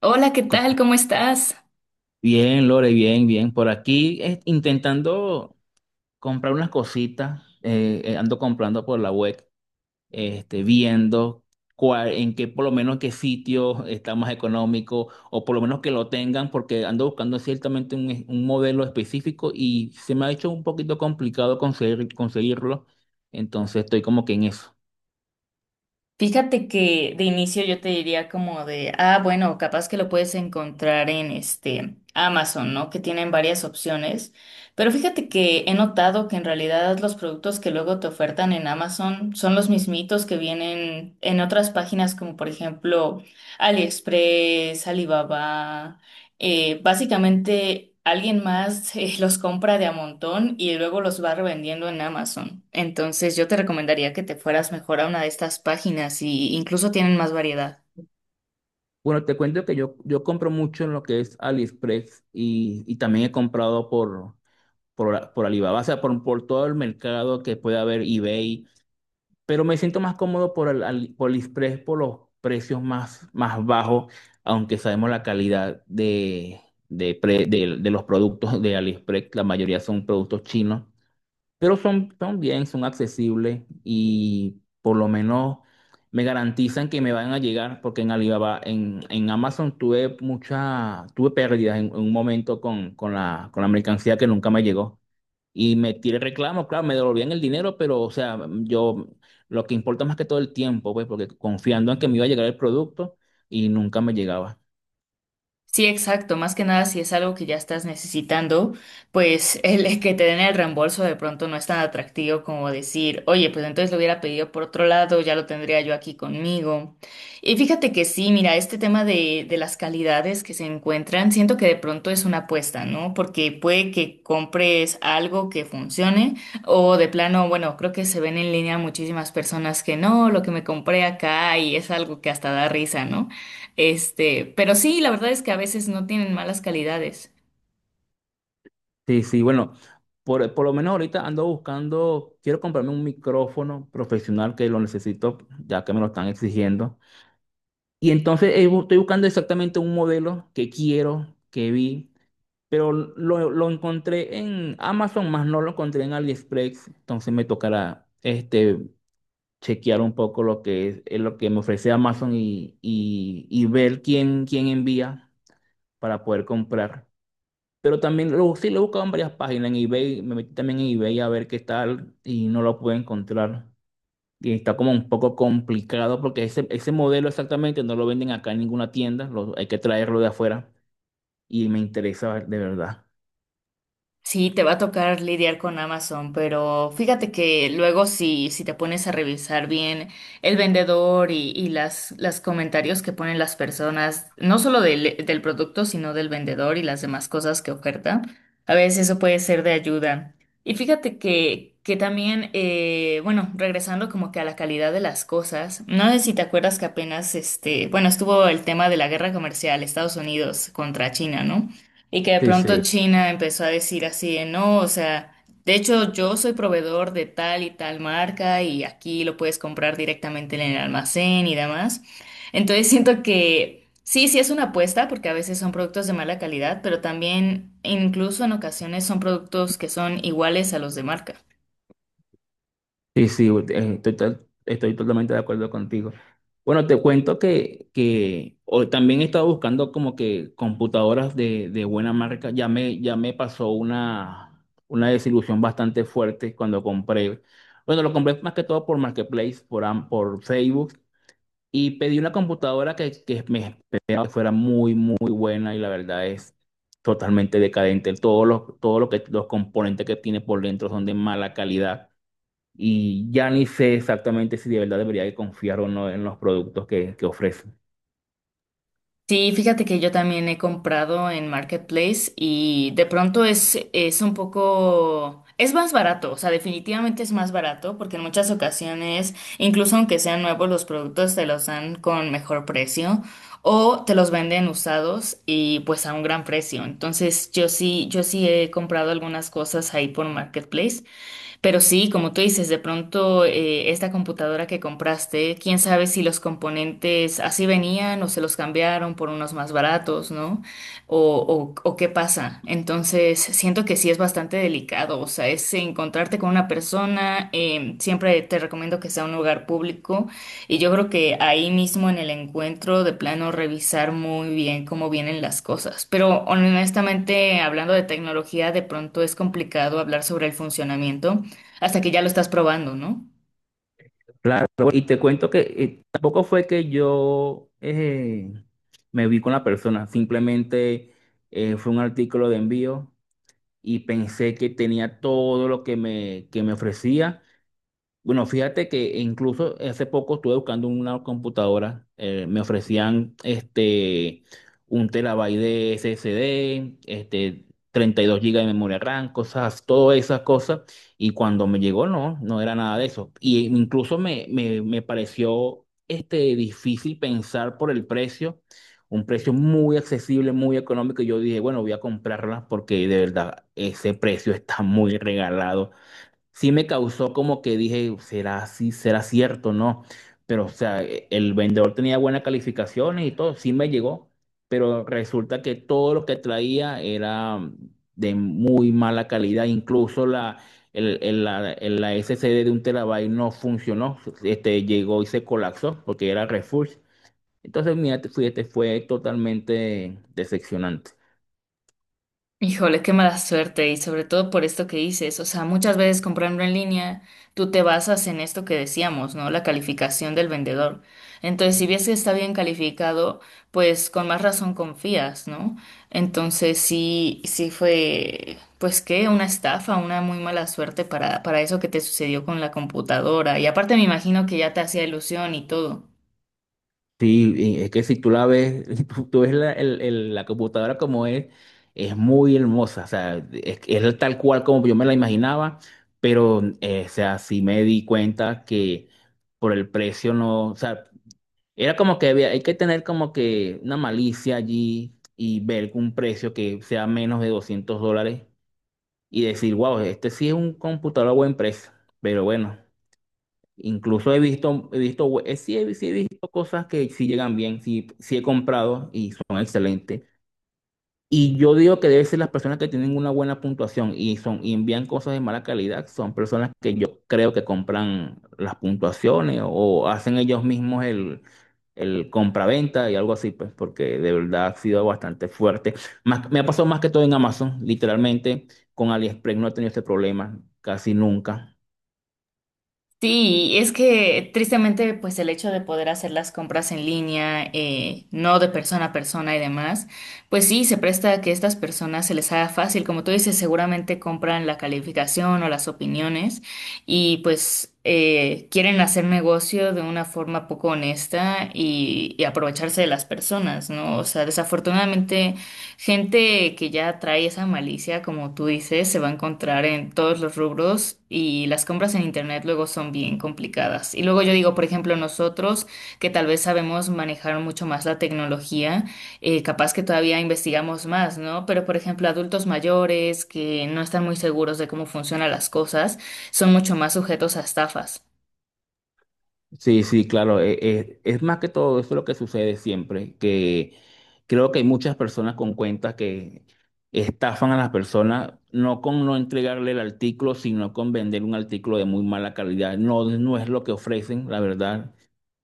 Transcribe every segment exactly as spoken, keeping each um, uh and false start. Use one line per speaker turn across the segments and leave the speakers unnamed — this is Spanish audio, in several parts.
Hola, ¿qué tal?
Como-
¿Cómo estás?
Bien, Lore, bien, bien. Por aquí eh, intentando comprar unas cositas. Eh, eh, ando comprando por la web, este, viendo cuál, en qué, por lo menos qué sitio está más económico o por lo menos que lo tengan, porque ando buscando ciertamente un, es- un modelo específico y se me ha hecho un poquito complicado conseguir, conseguirlo. Entonces estoy como que en eso.
Fíjate que de inicio yo te diría como de, ah, bueno, capaz que lo puedes encontrar en este Amazon, ¿no? Que tienen varias opciones. Pero fíjate que he notado que en realidad los productos que luego te ofertan en Amazon son los mismitos que vienen en otras páginas como por ejemplo AliExpress, Alibaba. Eh, básicamente alguien más eh, los compra de a montón y luego los va revendiendo en Amazon. Entonces yo te recomendaría que te fueras mejor a una de estas páginas y incluso tienen más variedad.
Bueno, te cuento que yo, yo compro mucho en lo que es AliExpress y, y también he comprado por... por, por Alibaba, o sea, por, por todo el mercado que puede haber eBay, pero me siento más cómodo por, el, Ali- por AliExpress por los precios más, más bajos, aunque sabemos la calidad de, de, pre- de- de los productos de AliExpress, la mayoría son productos chinos, pero son, son bien, son accesibles y por lo menos me garantizan que me van a llegar, porque en Alibaba, en, en Amazon tuve mucha, tuve pérdidas en, en un momento con, con la, con la mercancía que nunca me llegó. Y metí el reclamo, claro, me devolvían el dinero, pero o sea, yo lo que importa más que todo el tiempo, pues, porque confiando en que me iba a llegar el producto y nunca me llegaba.
Sí, exacto. Más que nada, si es algo que ya estás necesitando, pues el que te den el reembolso de pronto no es tan atractivo como decir, oye, pues entonces lo hubiera pedido por otro lado, ya lo tendría yo aquí conmigo. Y fíjate que sí, mira, este tema de, de las calidades que se encuentran, siento que de pronto es una apuesta, ¿no? Porque puede que compres algo que funcione o de plano, bueno, creo que se ven en línea muchísimas personas que no, lo que me compré acá y es algo que hasta da risa, ¿no? Este, pero sí, la verdad es que a veces no tienen malas calidades.
Sí, sí, bueno, por, por lo menos ahorita ando buscando, quiero comprarme un micrófono profesional que lo necesito, ya que me lo están exigiendo. Y entonces eh, bu- estoy buscando exactamente un modelo que quiero, que vi, pero lo, lo encontré en Amazon, más no lo encontré en AliExpress, entonces me tocará este. chequear un poco lo que es, es lo que me ofrece Amazon y, y- y ver quién, quién envía para poder comprar. Pero también lo, sí lo he buscado en varias páginas, en eBay, me metí también en eBay a ver qué tal y no lo pude encontrar. Y está como un poco complicado porque ese, ese modelo exactamente no lo venden acá en ninguna tienda, lo- hay que traerlo de afuera y me interesa de verdad.
Sí, te va a tocar lidiar con Amazon, pero fíjate que luego si, si te pones a revisar bien el vendedor y, y las, las comentarios que ponen las personas, no solo del, del producto, sino del vendedor y las demás cosas que oferta, a veces eso puede ser de ayuda. Y fíjate que, que también, eh, bueno, regresando como que a la calidad de las cosas, no sé si te acuerdas que apenas, este, bueno, estuvo el tema de la guerra comercial Estados Unidos contra China, ¿no? Y que de
Sí,
pronto
sí.
China empezó a decir así de no, o sea, de hecho yo soy proveedor de tal y tal marca y aquí lo puedes comprar directamente en el almacén y demás. Entonces siento que sí, sí es una apuesta porque a veces son productos de mala calidad, pero también incluso en ocasiones son productos que son iguales a los de marca.
Sí, sí, eh, estoy, to- estoy totalmente de acuerdo contigo. Bueno, te cuento que, que hoy también he estado buscando como que computadoras de, de buena marca. Ya me, ya me pasó una, una desilusión bastante fuerte cuando compré. Bueno, lo compré más que todo por Marketplace, por, Am- por Facebook, y pedí una computadora que, que me esperaba que fuera muy, muy buena y la verdad es totalmente decadente. Todos los, todos los, que, los componentes que tiene por dentro son de mala calidad y ya ni sé exactamente si de verdad debería confiar o no en los productos que, que ofrecen.
Sí, fíjate que yo también he comprado en Marketplace y de pronto es, es un poco, es más barato, o sea, definitivamente es más barato porque en muchas ocasiones, incluso aunque sean nuevos, los productos te los dan con mejor precio o te los venden usados y pues a un gran precio. Entonces yo sí, yo sí he comprado algunas cosas ahí por Marketplace. Pero sí, como tú dices, de pronto eh, esta computadora que compraste, quién sabe si los componentes así venían o se los cambiaron por unos más baratos, ¿no? O, o, o qué pasa. Entonces, siento que sí es bastante delicado, o sea, es encontrarte con una persona, eh, siempre te recomiendo que sea un lugar público y yo creo que ahí mismo en el encuentro de plano revisar muy bien cómo vienen las cosas. Pero honestamente, hablando de tecnología, de pronto es complicado hablar sobre el funcionamiento, hasta que ya lo estás probando, ¿no?
Claro, y te cuento que eh, tampoco fue que yo eh, me vi con la persona, simplemente eh, fue un artículo de envío y pensé que tenía todo lo que me, que me ofrecía. Bueno, fíjate que incluso hace poco estuve buscando una computadora, eh, me ofrecían este un terabyte de S S D, este treinta y dos gigas de memoria RAM, cosas, todas esas cosas, y cuando me llegó no, no era nada de eso. Y incluso me, me, me pareció este difícil pensar por el precio, un precio muy accesible, muy económico, y yo dije, bueno, voy a comprarla porque de verdad ese precio está muy regalado sí me causó como que dije, será así, será cierto, ¿no? Pero, o sea, e- el vendedor tenía buenas calificaciones y todo, sí me llegó, pero resulta que todo lo que traía era mm, de muy mala calidad, incluso la, el, el- la, el- la S S D de un terabyte no funcionó, este, llegó y se colapsó porque era refurbished. Entonces, mira, fíjate, fue totalmente decepcionante.
Híjole, qué mala suerte y sobre todo por esto que dices, o sea, muchas veces comprando en línea, tú te basas en esto que decíamos, ¿no? La calificación del vendedor. Entonces, si ves que está bien calificado, pues con más razón confías, ¿no? Entonces, sí, sí fue, pues qué, una estafa, una muy mala suerte para, para eso que te sucedió con la computadora. Y aparte me imagino que ya te hacía ilusión y todo.
Sí, y es que si tú la ves, tú, tú ves la, el- el- la computadora como es, es muy hermosa, o sea, es, es tal cual como yo me la imaginaba, pero, eh, o sea, sí me di cuenta que por el precio no, o sea, era como que había, hay que tener como que una malicia allí y ver un precio que sea menos de doscientos dólares y decir, wow, este sí es un computador a buen precio, pero bueno. Incluso he visto, he visto, we- eh, sí, he, sí he visto cosas que sí llegan bien, sí, sí he comprado y son excelentes. Y yo digo que debe ser las personas que tienen una buena puntuación y son y envían cosas de mala calidad, son personas que yo creo que compran las puntuaciones o hacen ellos mismos el, el compraventa y algo así, pues, porque de verdad ha sido bastante fuerte. Más, me ha pasado más que todo en Amazon, literalmente, con AliExpress no he tenido este problema casi nunca.
Sí, es que tristemente, pues el hecho de poder hacer las compras en línea, eh, no de persona a persona y demás, pues sí, se presta a que estas personas se les haga fácil. Como tú dices, seguramente compran la calificación o las opiniones y pues eh, quieren hacer negocio de una forma poco honesta y, y aprovecharse de las personas, ¿no? O sea, desafortunadamente. Gente que ya trae esa malicia, como tú dices, se va a encontrar en todos los rubros y las compras en internet luego son bien complicadas. Y luego yo digo, por ejemplo, nosotros que tal vez sabemos manejar mucho más la tecnología, eh, capaz que todavía investigamos más, ¿no? Pero, por ejemplo, adultos mayores que no están muy seguros de cómo funcionan las cosas son mucho más sujetos a estafas.
Sí, sí, claro. Eh, eh, es más que todo eso lo que sucede siempre, que creo que hay muchas personas con cuentas que estafan a las personas, no con no entregarle el artículo, sino con vender un artículo de muy mala calidad. No, no es lo que ofrecen, la verdad.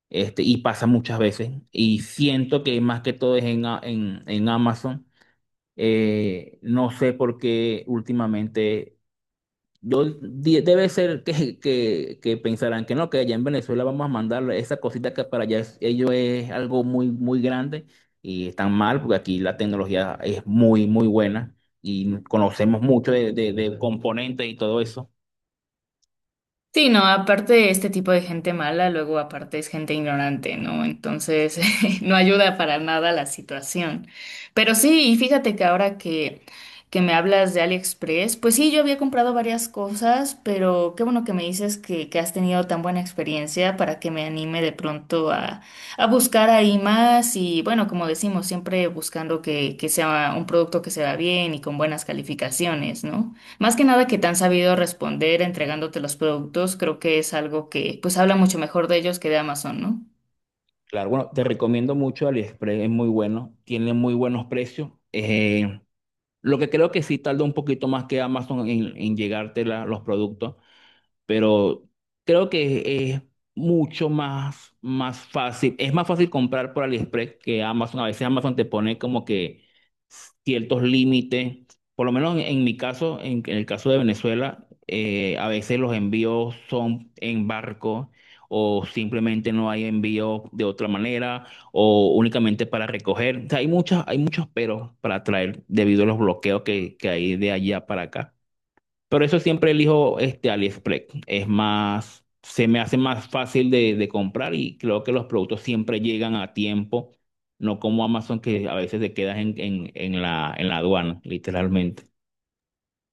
Este, y pasa muchas veces. Y siento que más que todo es en, A- en, en Amazon. Eh, no sé por qué últimamente yo, di- debe ser que, que, que pensarán que no, que allá en Venezuela vamos a mandar esa cosita que para allá es- ellos es algo muy, muy grande y están mal porque aquí la tecnología es muy, muy buena y conocemos mucho de, de, de componentes y todo eso.
Sí, no, aparte este tipo de gente mala, luego aparte es gente ignorante, ¿no? Entonces no ayuda para nada la situación. Pero sí, y fíjate que ahora que, que me hablas de AliExpress, pues sí, yo había comprado varias cosas, pero qué bueno que me dices que, que has tenido tan buena experiencia para que me anime de pronto a, a buscar ahí más y bueno, como decimos, siempre buscando que, que sea un producto que se vea bien y con buenas calificaciones, ¿no? Más que nada que te han sabido responder entregándote los productos, creo que es algo que pues habla mucho mejor de ellos que de Amazon, ¿no?
Claro, bueno, te recomiendo mucho AliExpress, es muy bueno, tiene muy buenos precios. Eh, lo que creo que sí tarda un poquito más que Amazon en, en llegarte la- los productos pero creo que es mucho más, más fácil. Es más fácil comprar por AliExpress que Amazon. A veces Amazon te pone como que ciertos límites. Por lo menos en, en mi caso, en, en el caso de Venezuela, eh, a veces los envíos son en barco o simplemente no hay envío de otra manera o únicamente para recoger. O sea, hay muchas, hay muchos peros para traer debido a los bloqueos que, que hay de allá para acá. Pero eso siempre elijo este AliExpress. Es más, se me hace más fácil de, de comprar y creo que los productos siempre llegan a tiempo, no como Amazon que a veces te quedas en, en, en la, en la aduana, literalmente.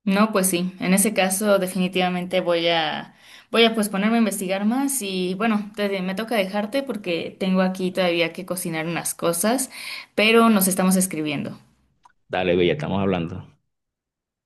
No, pues sí, en ese caso definitivamente voy a voy a pues ponerme a investigar más y bueno, te- me toca dejarte porque tengo aquí todavía que cocinar unas cosas, pero nos estamos escribiendo.
Dale, Bella, estamos hablando.